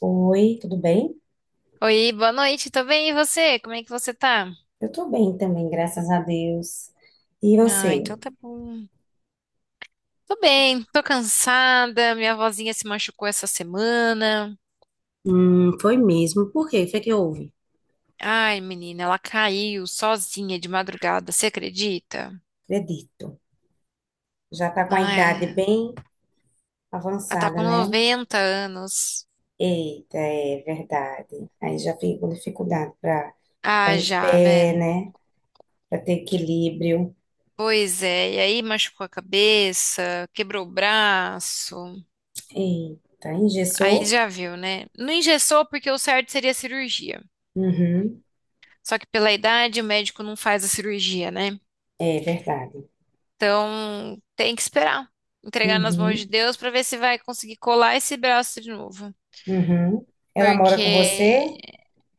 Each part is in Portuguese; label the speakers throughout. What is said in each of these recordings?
Speaker 1: Oi, tudo bem?
Speaker 2: Oi, boa noite, tô bem, e você? Como é que você tá?
Speaker 1: Eu tô bem também, graças a Deus. E
Speaker 2: Ah,
Speaker 1: você?
Speaker 2: então tá bom. Tô bem, tô cansada, minha vozinha se machucou essa semana.
Speaker 1: Foi mesmo. Por quê? O que é que houve?
Speaker 2: Ai, menina, ela caiu sozinha de madrugada, você acredita?
Speaker 1: Acredito. Já tá com a
Speaker 2: Ah,
Speaker 1: idade
Speaker 2: é.
Speaker 1: bem
Speaker 2: Ela tá
Speaker 1: avançada,
Speaker 2: com
Speaker 1: né?
Speaker 2: 90 anos.
Speaker 1: Eita, é verdade. Aí já fico com dificuldade para ficar
Speaker 2: Ah,
Speaker 1: em
Speaker 2: já,
Speaker 1: pé,
Speaker 2: né?
Speaker 1: né? Para ter equilíbrio.
Speaker 2: Pois é, e aí machucou a cabeça, quebrou o braço.
Speaker 1: Eita,
Speaker 2: Aí
Speaker 1: engessou?
Speaker 2: já viu, né? Não engessou porque o certo seria cirurgia.
Speaker 1: Uhum,
Speaker 2: Só que pela idade, o médico não faz a cirurgia, né?
Speaker 1: é verdade.
Speaker 2: Então, tem que esperar. Entregar nas mãos de
Speaker 1: Uhum,
Speaker 2: Deus para ver se vai conseguir colar esse braço de novo.
Speaker 1: uhum. Ela mora com
Speaker 2: Porque
Speaker 1: você?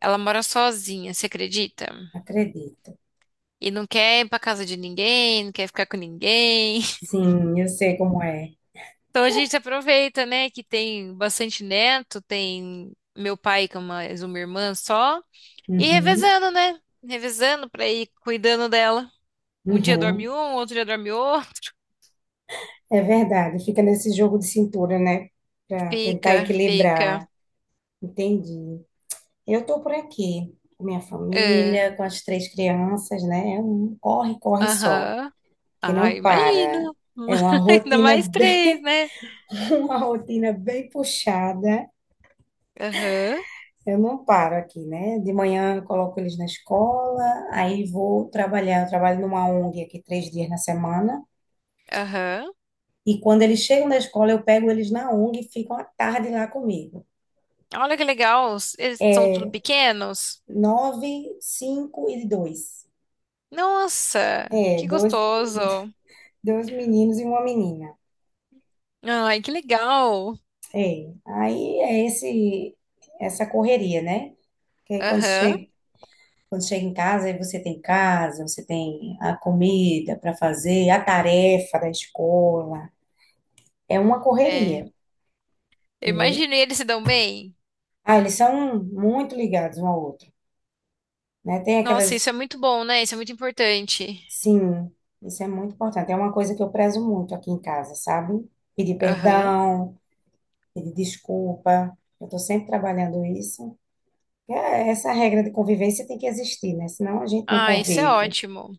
Speaker 2: ela mora sozinha, você acredita?
Speaker 1: Acredito.
Speaker 2: E não quer ir pra casa de ninguém, não quer ficar com ninguém.
Speaker 1: Sim, eu sei como é.
Speaker 2: Então a gente aproveita, né, que tem bastante neto, tem meu pai com mais uma irmã só, e
Speaker 1: Uhum,
Speaker 2: revezando, né? Revezando pra ir cuidando dela. Um dia
Speaker 1: uhum.
Speaker 2: dorme um, outro dia dorme outro.
Speaker 1: É verdade, fica nesse jogo de cintura, né? Para tentar
Speaker 2: Fica, fica.
Speaker 1: equilibrar. Entendi. Eu estou por aqui, com minha
Speaker 2: É.
Speaker 1: família, com as três crianças, né? É um corre, corre só,
Speaker 2: Aham.
Speaker 1: que
Speaker 2: Ah,
Speaker 1: não para.
Speaker 2: imagino.
Speaker 1: É uma
Speaker 2: Ainda
Speaker 1: rotina
Speaker 2: mais três,
Speaker 1: bem,
Speaker 2: né?
Speaker 1: uma rotina bem puxada.
Speaker 2: Aham,
Speaker 1: Eu não paro aqui, né? De manhã eu coloco eles na escola, aí vou trabalhar. Eu trabalho numa ONG aqui 3 dias na semana.
Speaker 2: aham.
Speaker 1: E quando eles chegam da escola, eu pego eles na ONG e ficam a tarde lá comigo.
Speaker 2: Olha que legal. Eles são tudo pequenos.
Speaker 1: 9, 5 e 2.
Speaker 2: Nossa,
Speaker 1: É,
Speaker 2: que
Speaker 1: dois,
Speaker 2: gostoso.
Speaker 1: dois meninos e uma menina.
Speaker 2: Ai, que legal.
Speaker 1: É, aí é esse, essa correria, né? Que aí
Speaker 2: Aham.
Speaker 1: quando chega em casa, aí você tem casa, você tem a comida para fazer, a tarefa da escola. É uma
Speaker 2: É.
Speaker 1: correria,
Speaker 2: Eu
Speaker 1: entendeu?
Speaker 2: imaginei eles se dão bem.
Speaker 1: Ah, eles são muito ligados um ao outro, né? Tem
Speaker 2: Nossa,
Speaker 1: aquelas,
Speaker 2: isso é muito bom, né? Isso é muito importante.
Speaker 1: sim, isso é muito importante. É uma coisa que eu prezo muito aqui em casa, sabe? Pedir
Speaker 2: Aham.
Speaker 1: perdão, pedir desculpa. Eu estou sempre trabalhando isso. É, essa regra de convivência tem que existir, né? Senão a gente não
Speaker 2: Ah, isso é
Speaker 1: convive.
Speaker 2: ótimo.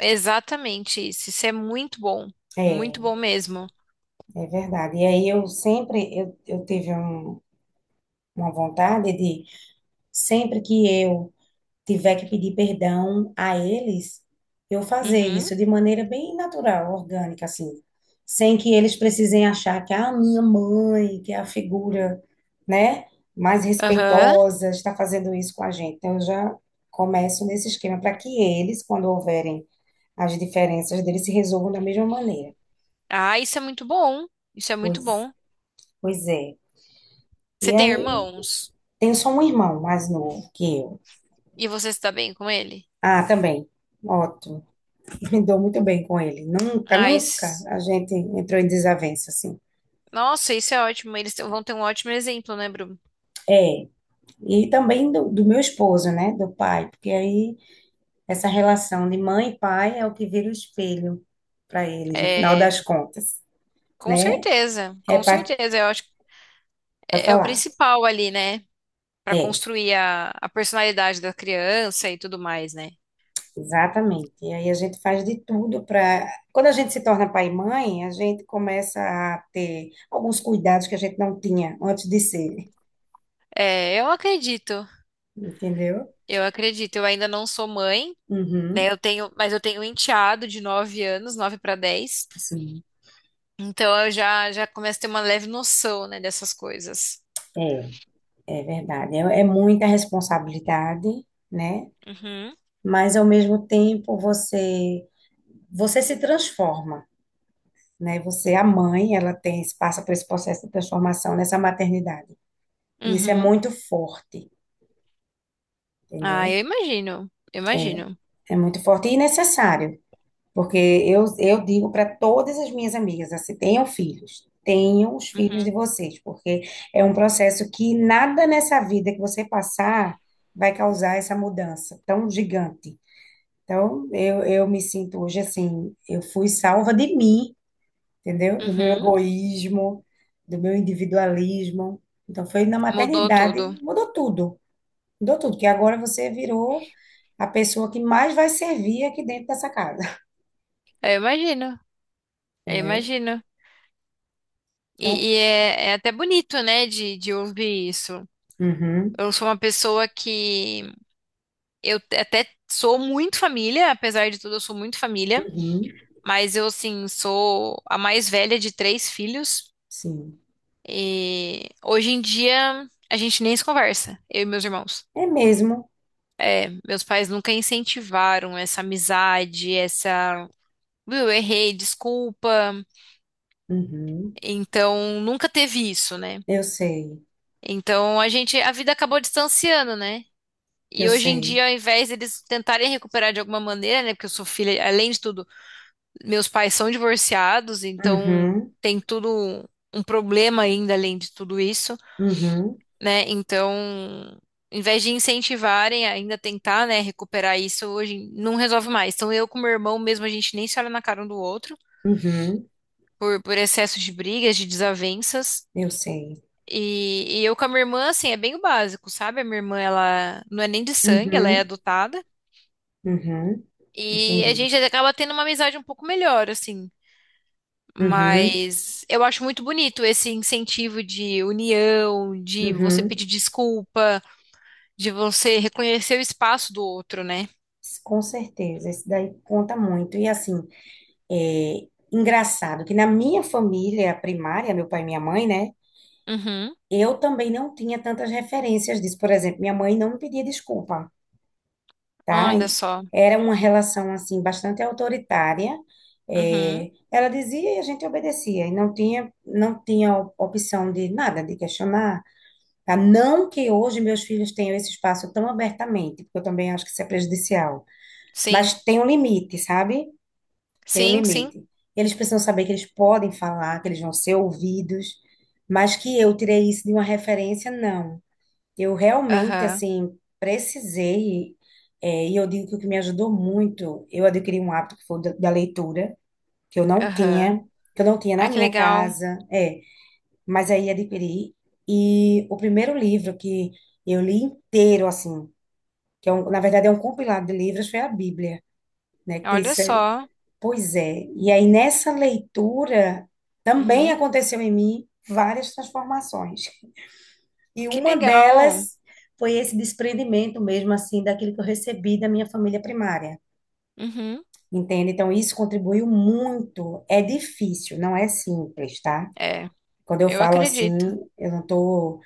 Speaker 2: Exatamente isso. Isso é muito bom.
Speaker 1: É,
Speaker 2: Muito bom mesmo.
Speaker 1: é verdade. E aí eu sempre, eu tive uma vontade de, sempre que eu tiver que pedir perdão a eles, eu fazer
Speaker 2: Uhum.
Speaker 1: isso de maneira bem natural, orgânica, assim, sem que eles precisem achar que a ah, minha mãe, que é a figura, né, mais
Speaker 2: Aham.
Speaker 1: respeitosa, está fazendo isso com a gente. Então, eu já começo nesse esquema para que eles, quando houverem as diferenças deles, se resolvam da mesma maneira.
Speaker 2: Ah, isso é muito bom. Isso é muito
Speaker 1: Pois,
Speaker 2: bom.
Speaker 1: pois é.
Speaker 2: Você
Speaker 1: E
Speaker 2: tem
Speaker 1: aí,
Speaker 2: irmãos?
Speaker 1: tenho só um irmão mais novo que eu.
Speaker 2: E você está bem com ele?
Speaker 1: Ah, também. Ótimo. Me dou muito bem com ele. Nunca,
Speaker 2: Ah,
Speaker 1: nunca
Speaker 2: isso...
Speaker 1: a gente entrou em desavença, assim.
Speaker 2: Nossa, isso é ótimo. Eles vão ter um ótimo exemplo, né, Bruno?
Speaker 1: É. E também do meu esposo, né? Do pai. Porque aí essa relação de mãe e pai é o que vira o espelho para eles, no final
Speaker 2: É,
Speaker 1: das contas,
Speaker 2: com
Speaker 1: né?
Speaker 2: certeza,
Speaker 1: É
Speaker 2: com
Speaker 1: para
Speaker 2: certeza. Eu acho que é o
Speaker 1: falar.
Speaker 2: principal ali, né? Para
Speaker 1: É,
Speaker 2: construir a personalidade da criança e tudo mais, né?
Speaker 1: exatamente. E aí a gente faz de tudo para. Quando a gente se torna pai e mãe, a gente começa a ter alguns cuidados que a gente não tinha antes de ser,
Speaker 2: É, eu acredito,
Speaker 1: entendeu?
Speaker 2: eu acredito. Eu ainda não sou mãe, né?
Speaker 1: Uhum,
Speaker 2: Eu tenho, mas eu tenho um enteado de 9 anos, 9 para 10.
Speaker 1: sim.
Speaker 2: Então eu já começo a ter uma leve noção, né, dessas coisas.
Speaker 1: É. É verdade, é, é muita responsabilidade, né?
Speaker 2: Uhum,
Speaker 1: Mas ao mesmo tempo você se transforma, né? Você, a mãe, ela tem passa por esse processo de transformação nessa maternidade. E isso é
Speaker 2: uhum.
Speaker 1: muito forte,
Speaker 2: Ah,
Speaker 1: entendeu?
Speaker 2: eu imagino, eu imagino.
Speaker 1: É muito forte e necessário, porque eu digo para todas as minhas amigas, assim, tenham filhos, tenham os filhos de
Speaker 2: Uhum.
Speaker 1: vocês, porque é um processo que nada nessa vida que você passar vai causar essa mudança tão gigante. Então, eu me sinto hoje assim, eu fui salva de mim, entendeu? Do meu
Speaker 2: Uhum,
Speaker 1: egoísmo, do meu individualismo. Então, foi na
Speaker 2: mudou
Speaker 1: maternidade,
Speaker 2: tudo.
Speaker 1: mudou tudo, que agora você virou a pessoa que mais vai servir aqui dentro dessa casa,
Speaker 2: Eu imagino, eu
Speaker 1: entendeu?
Speaker 2: imagino.
Speaker 1: Então,
Speaker 2: E é até bonito, né, de ouvir isso.
Speaker 1: uhum,
Speaker 2: Eu sou uma pessoa que até sou muito família, apesar de tudo, eu sou muito família,
Speaker 1: uhum,
Speaker 2: mas eu, assim, sou a mais velha de três filhos.
Speaker 1: sim,
Speaker 2: E hoje em dia a gente nem se conversa, eu e meus irmãos.
Speaker 1: é mesmo,
Speaker 2: É. Meus pais nunca incentivaram essa amizade, viu, eu errei, desculpa.
Speaker 1: uhum,
Speaker 2: Então, nunca teve isso, né?
Speaker 1: eu sei,
Speaker 2: Então a vida acabou distanciando, né?
Speaker 1: eu
Speaker 2: E hoje em
Speaker 1: sei,
Speaker 2: dia, ao invés deles tentarem recuperar de alguma maneira, né? Porque eu sou filha, além de tudo, meus pais são divorciados, então
Speaker 1: uhum,
Speaker 2: tem tudo um problema ainda além de tudo isso,
Speaker 1: uhum,
Speaker 2: né? Então, ao invés de incentivarem ainda tentar, né, recuperar isso, hoje não resolve mais. Então eu com meu irmão mesmo, a gente nem se olha na cara um do outro
Speaker 1: uhum,
Speaker 2: por excesso de brigas, de desavenças.
Speaker 1: eu sei,
Speaker 2: E eu com a minha irmã, assim, é bem o básico, sabe? A minha irmã, ela não é nem de sangue, ela é
Speaker 1: uhum,
Speaker 2: adotada.
Speaker 1: uhum,
Speaker 2: E a
Speaker 1: entendi.
Speaker 2: gente acaba tendo uma amizade um pouco melhor, assim.
Speaker 1: Uhum.
Speaker 2: Mas eu acho muito bonito esse incentivo de união, de você
Speaker 1: Uhum,
Speaker 2: pedir desculpa, de você reconhecer o espaço do outro, né?
Speaker 1: com certeza, isso daí conta muito. E assim, é engraçado que na minha família primária, meu pai e minha mãe, né?
Speaker 2: Uhum.
Speaker 1: Eu também não tinha tantas referências disso. Por exemplo, minha mãe não me pedia desculpa, tá?
Speaker 2: Olha só.
Speaker 1: Era uma relação, assim, bastante autoritária.
Speaker 2: Uhum.
Speaker 1: É, ela dizia e a gente obedecia. E não tinha, não tinha opção de nada, de questionar. Tá? Não que hoje meus filhos tenham esse espaço tão abertamente, porque eu também acho que isso é prejudicial.
Speaker 2: Sim.
Speaker 1: Mas tem um limite, sabe? Tem um
Speaker 2: Sim, sim.
Speaker 1: limite. Eles precisam saber que eles podem falar, que eles vão ser ouvidos, mas que eu tirei isso de uma referência, não. Eu realmente,
Speaker 2: Aham.
Speaker 1: assim, precisei, é, e eu digo que o que me ajudou muito, eu adquiri um hábito que foi o da leitura, que eu não
Speaker 2: Aham.
Speaker 1: tinha, que eu não tinha na
Speaker 2: Ai, que
Speaker 1: minha
Speaker 2: legal.
Speaker 1: casa, é, mas aí adquiri. E o primeiro livro que eu li inteiro, assim, que é na verdade é um compilado de livros, foi a Bíblia, né? Que tem.
Speaker 2: Olha só.
Speaker 1: Pois é. E aí, nessa leitura, também
Speaker 2: Uhum.
Speaker 1: aconteceu em mim várias transformações. E
Speaker 2: Que
Speaker 1: uma
Speaker 2: legal.
Speaker 1: delas foi esse desprendimento mesmo, assim, daquilo que eu recebi da minha família primária.
Speaker 2: Uhum.
Speaker 1: Entende? Então, isso contribuiu muito. É difícil, não é simples, tá?
Speaker 2: É,
Speaker 1: Quando eu
Speaker 2: eu
Speaker 1: falo
Speaker 2: acredito.
Speaker 1: assim, eu não estou,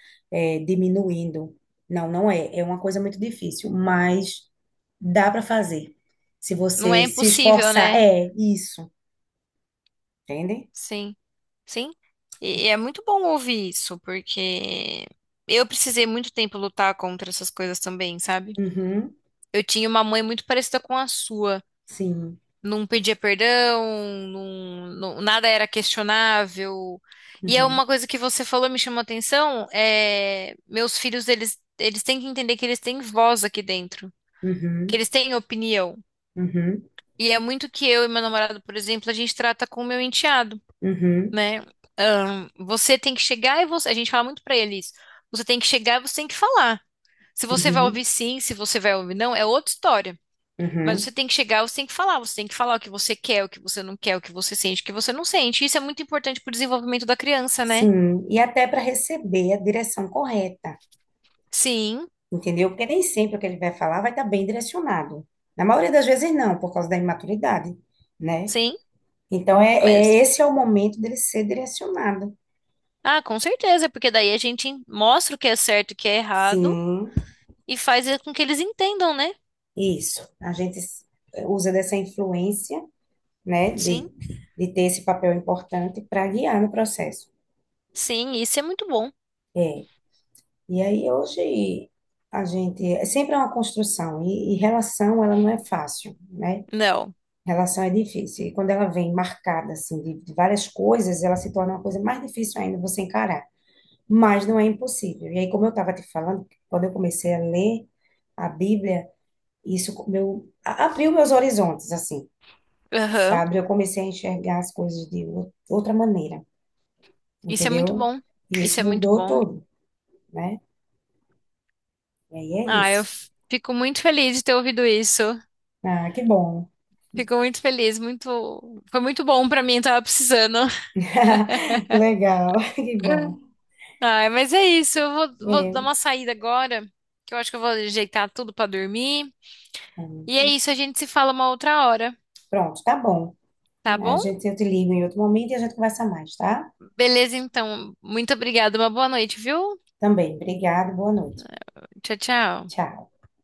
Speaker 1: diminuindo. Não, não é. É uma coisa muito difícil, mas dá para fazer. Se
Speaker 2: Não é
Speaker 1: você se
Speaker 2: impossível,
Speaker 1: esforçar,
Speaker 2: né?
Speaker 1: é isso. Entende?
Speaker 2: Sim, sim. E é muito bom ouvir isso, porque eu precisei muito tempo lutar contra essas coisas também, sabe?
Speaker 1: Uhum.
Speaker 2: Eu tinha uma mãe muito parecida com a sua.
Speaker 1: Sim.
Speaker 2: Não pedia perdão, nada era questionável. E é
Speaker 1: Uhum.
Speaker 2: uma coisa que você falou, me chamou a atenção, é, meus filhos, eles têm que entender que eles têm voz aqui dentro, que
Speaker 1: Uhum.
Speaker 2: eles têm opinião.
Speaker 1: Uhum.
Speaker 2: E é muito que eu e meu namorado, por exemplo, a gente trata com o meu enteado,
Speaker 1: Uhum.
Speaker 2: né? Você tem que chegar e você. A gente fala muito pra eles. Você tem que chegar e você tem que falar. Se você vai ouvir
Speaker 1: Uhum.
Speaker 2: sim, se você vai ouvir não, é outra história. Mas
Speaker 1: Uhum.
Speaker 2: você tem que chegar, você tem que falar, você tem que falar o que você quer, o que você não quer, o que você sente, o que você não sente. Isso é muito importante pro desenvolvimento da criança, né?
Speaker 1: Sim. E até para receber a direção correta,
Speaker 2: Sim,
Speaker 1: entendeu? Porque nem sempre o que ele vai falar vai estar bem direcionado. Na maioria das vezes, não, por causa da imaturidade, né?
Speaker 2: sim,
Speaker 1: Então, é, é-
Speaker 2: mas
Speaker 1: esse é o momento dele ser direcionado.
Speaker 2: ah, com certeza, porque daí a gente mostra o que é certo, e o que é errado
Speaker 1: Sim,
Speaker 2: e faz com que eles entendam, né?
Speaker 1: isso. Eh, usa dessa influência, né,
Speaker 2: Sim,
Speaker 1: de ter esse papel importante para guiar no processo.
Speaker 2: sim, isso é muito bom.
Speaker 1: É. E aí hoje a gente é sempre é uma construção e relação ela não é fácil, né?
Speaker 2: Não.
Speaker 1: Relação é difícil e quando ela vem marcada assim de várias coisas, ela se torna uma coisa mais difícil ainda você encarar. Mas não é impossível. E aí como eu estava te falando, quando eu comecei a ler a Bíblia, isso abriu meus horizontes assim,
Speaker 2: Aham.
Speaker 1: sabe? Eu comecei a enxergar as coisas de outra maneira,
Speaker 2: Isso é muito
Speaker 1: entendeu?
Speaker 2: bom.
Speaker 1: E
Speaker 2: Isso
Speaker 1: isso
Speaker 2: é muito
Speaker 1: mudou
Speaker 2: bom.
Speaker 1: tudo, né? E aí é
Speaker 2: Ah, eu
Speaker 1: isso.
Speaker 2: fico muito feliz de ter ouvido isso.
Speaker 1: Ah, que bom.
Speaker 2: Fico muito feliz, muito, foi muito bom pra mim, tava precisando.
Speaker 1: Legal, que bom.
Speaker 2: Ah, mas é isso, eu vou
Speaker 1: É,
Speaker 2: dar uma saída agora, que eu acho que eu vou ajeitar tudo pra dormir. E é
Speaker 1: hum,
Speaker 2: isso, a gente se fala uma outra hora,
Speaker 1: pronto, tá bom.
Speaker 2: tá
Speaker 1: A
Speaker 2: bom?
Speaker 1: gente, eu te ligo em outro momento e a gente conversa mais, tá?
Speaker 2: Beleza, então. Muito obrigada, uma boa noite, viu?
Speaker 1: Também. Obrigada, boa noite.
Speaker 2: Tchau, tchau.
Speaker 1: Tchau.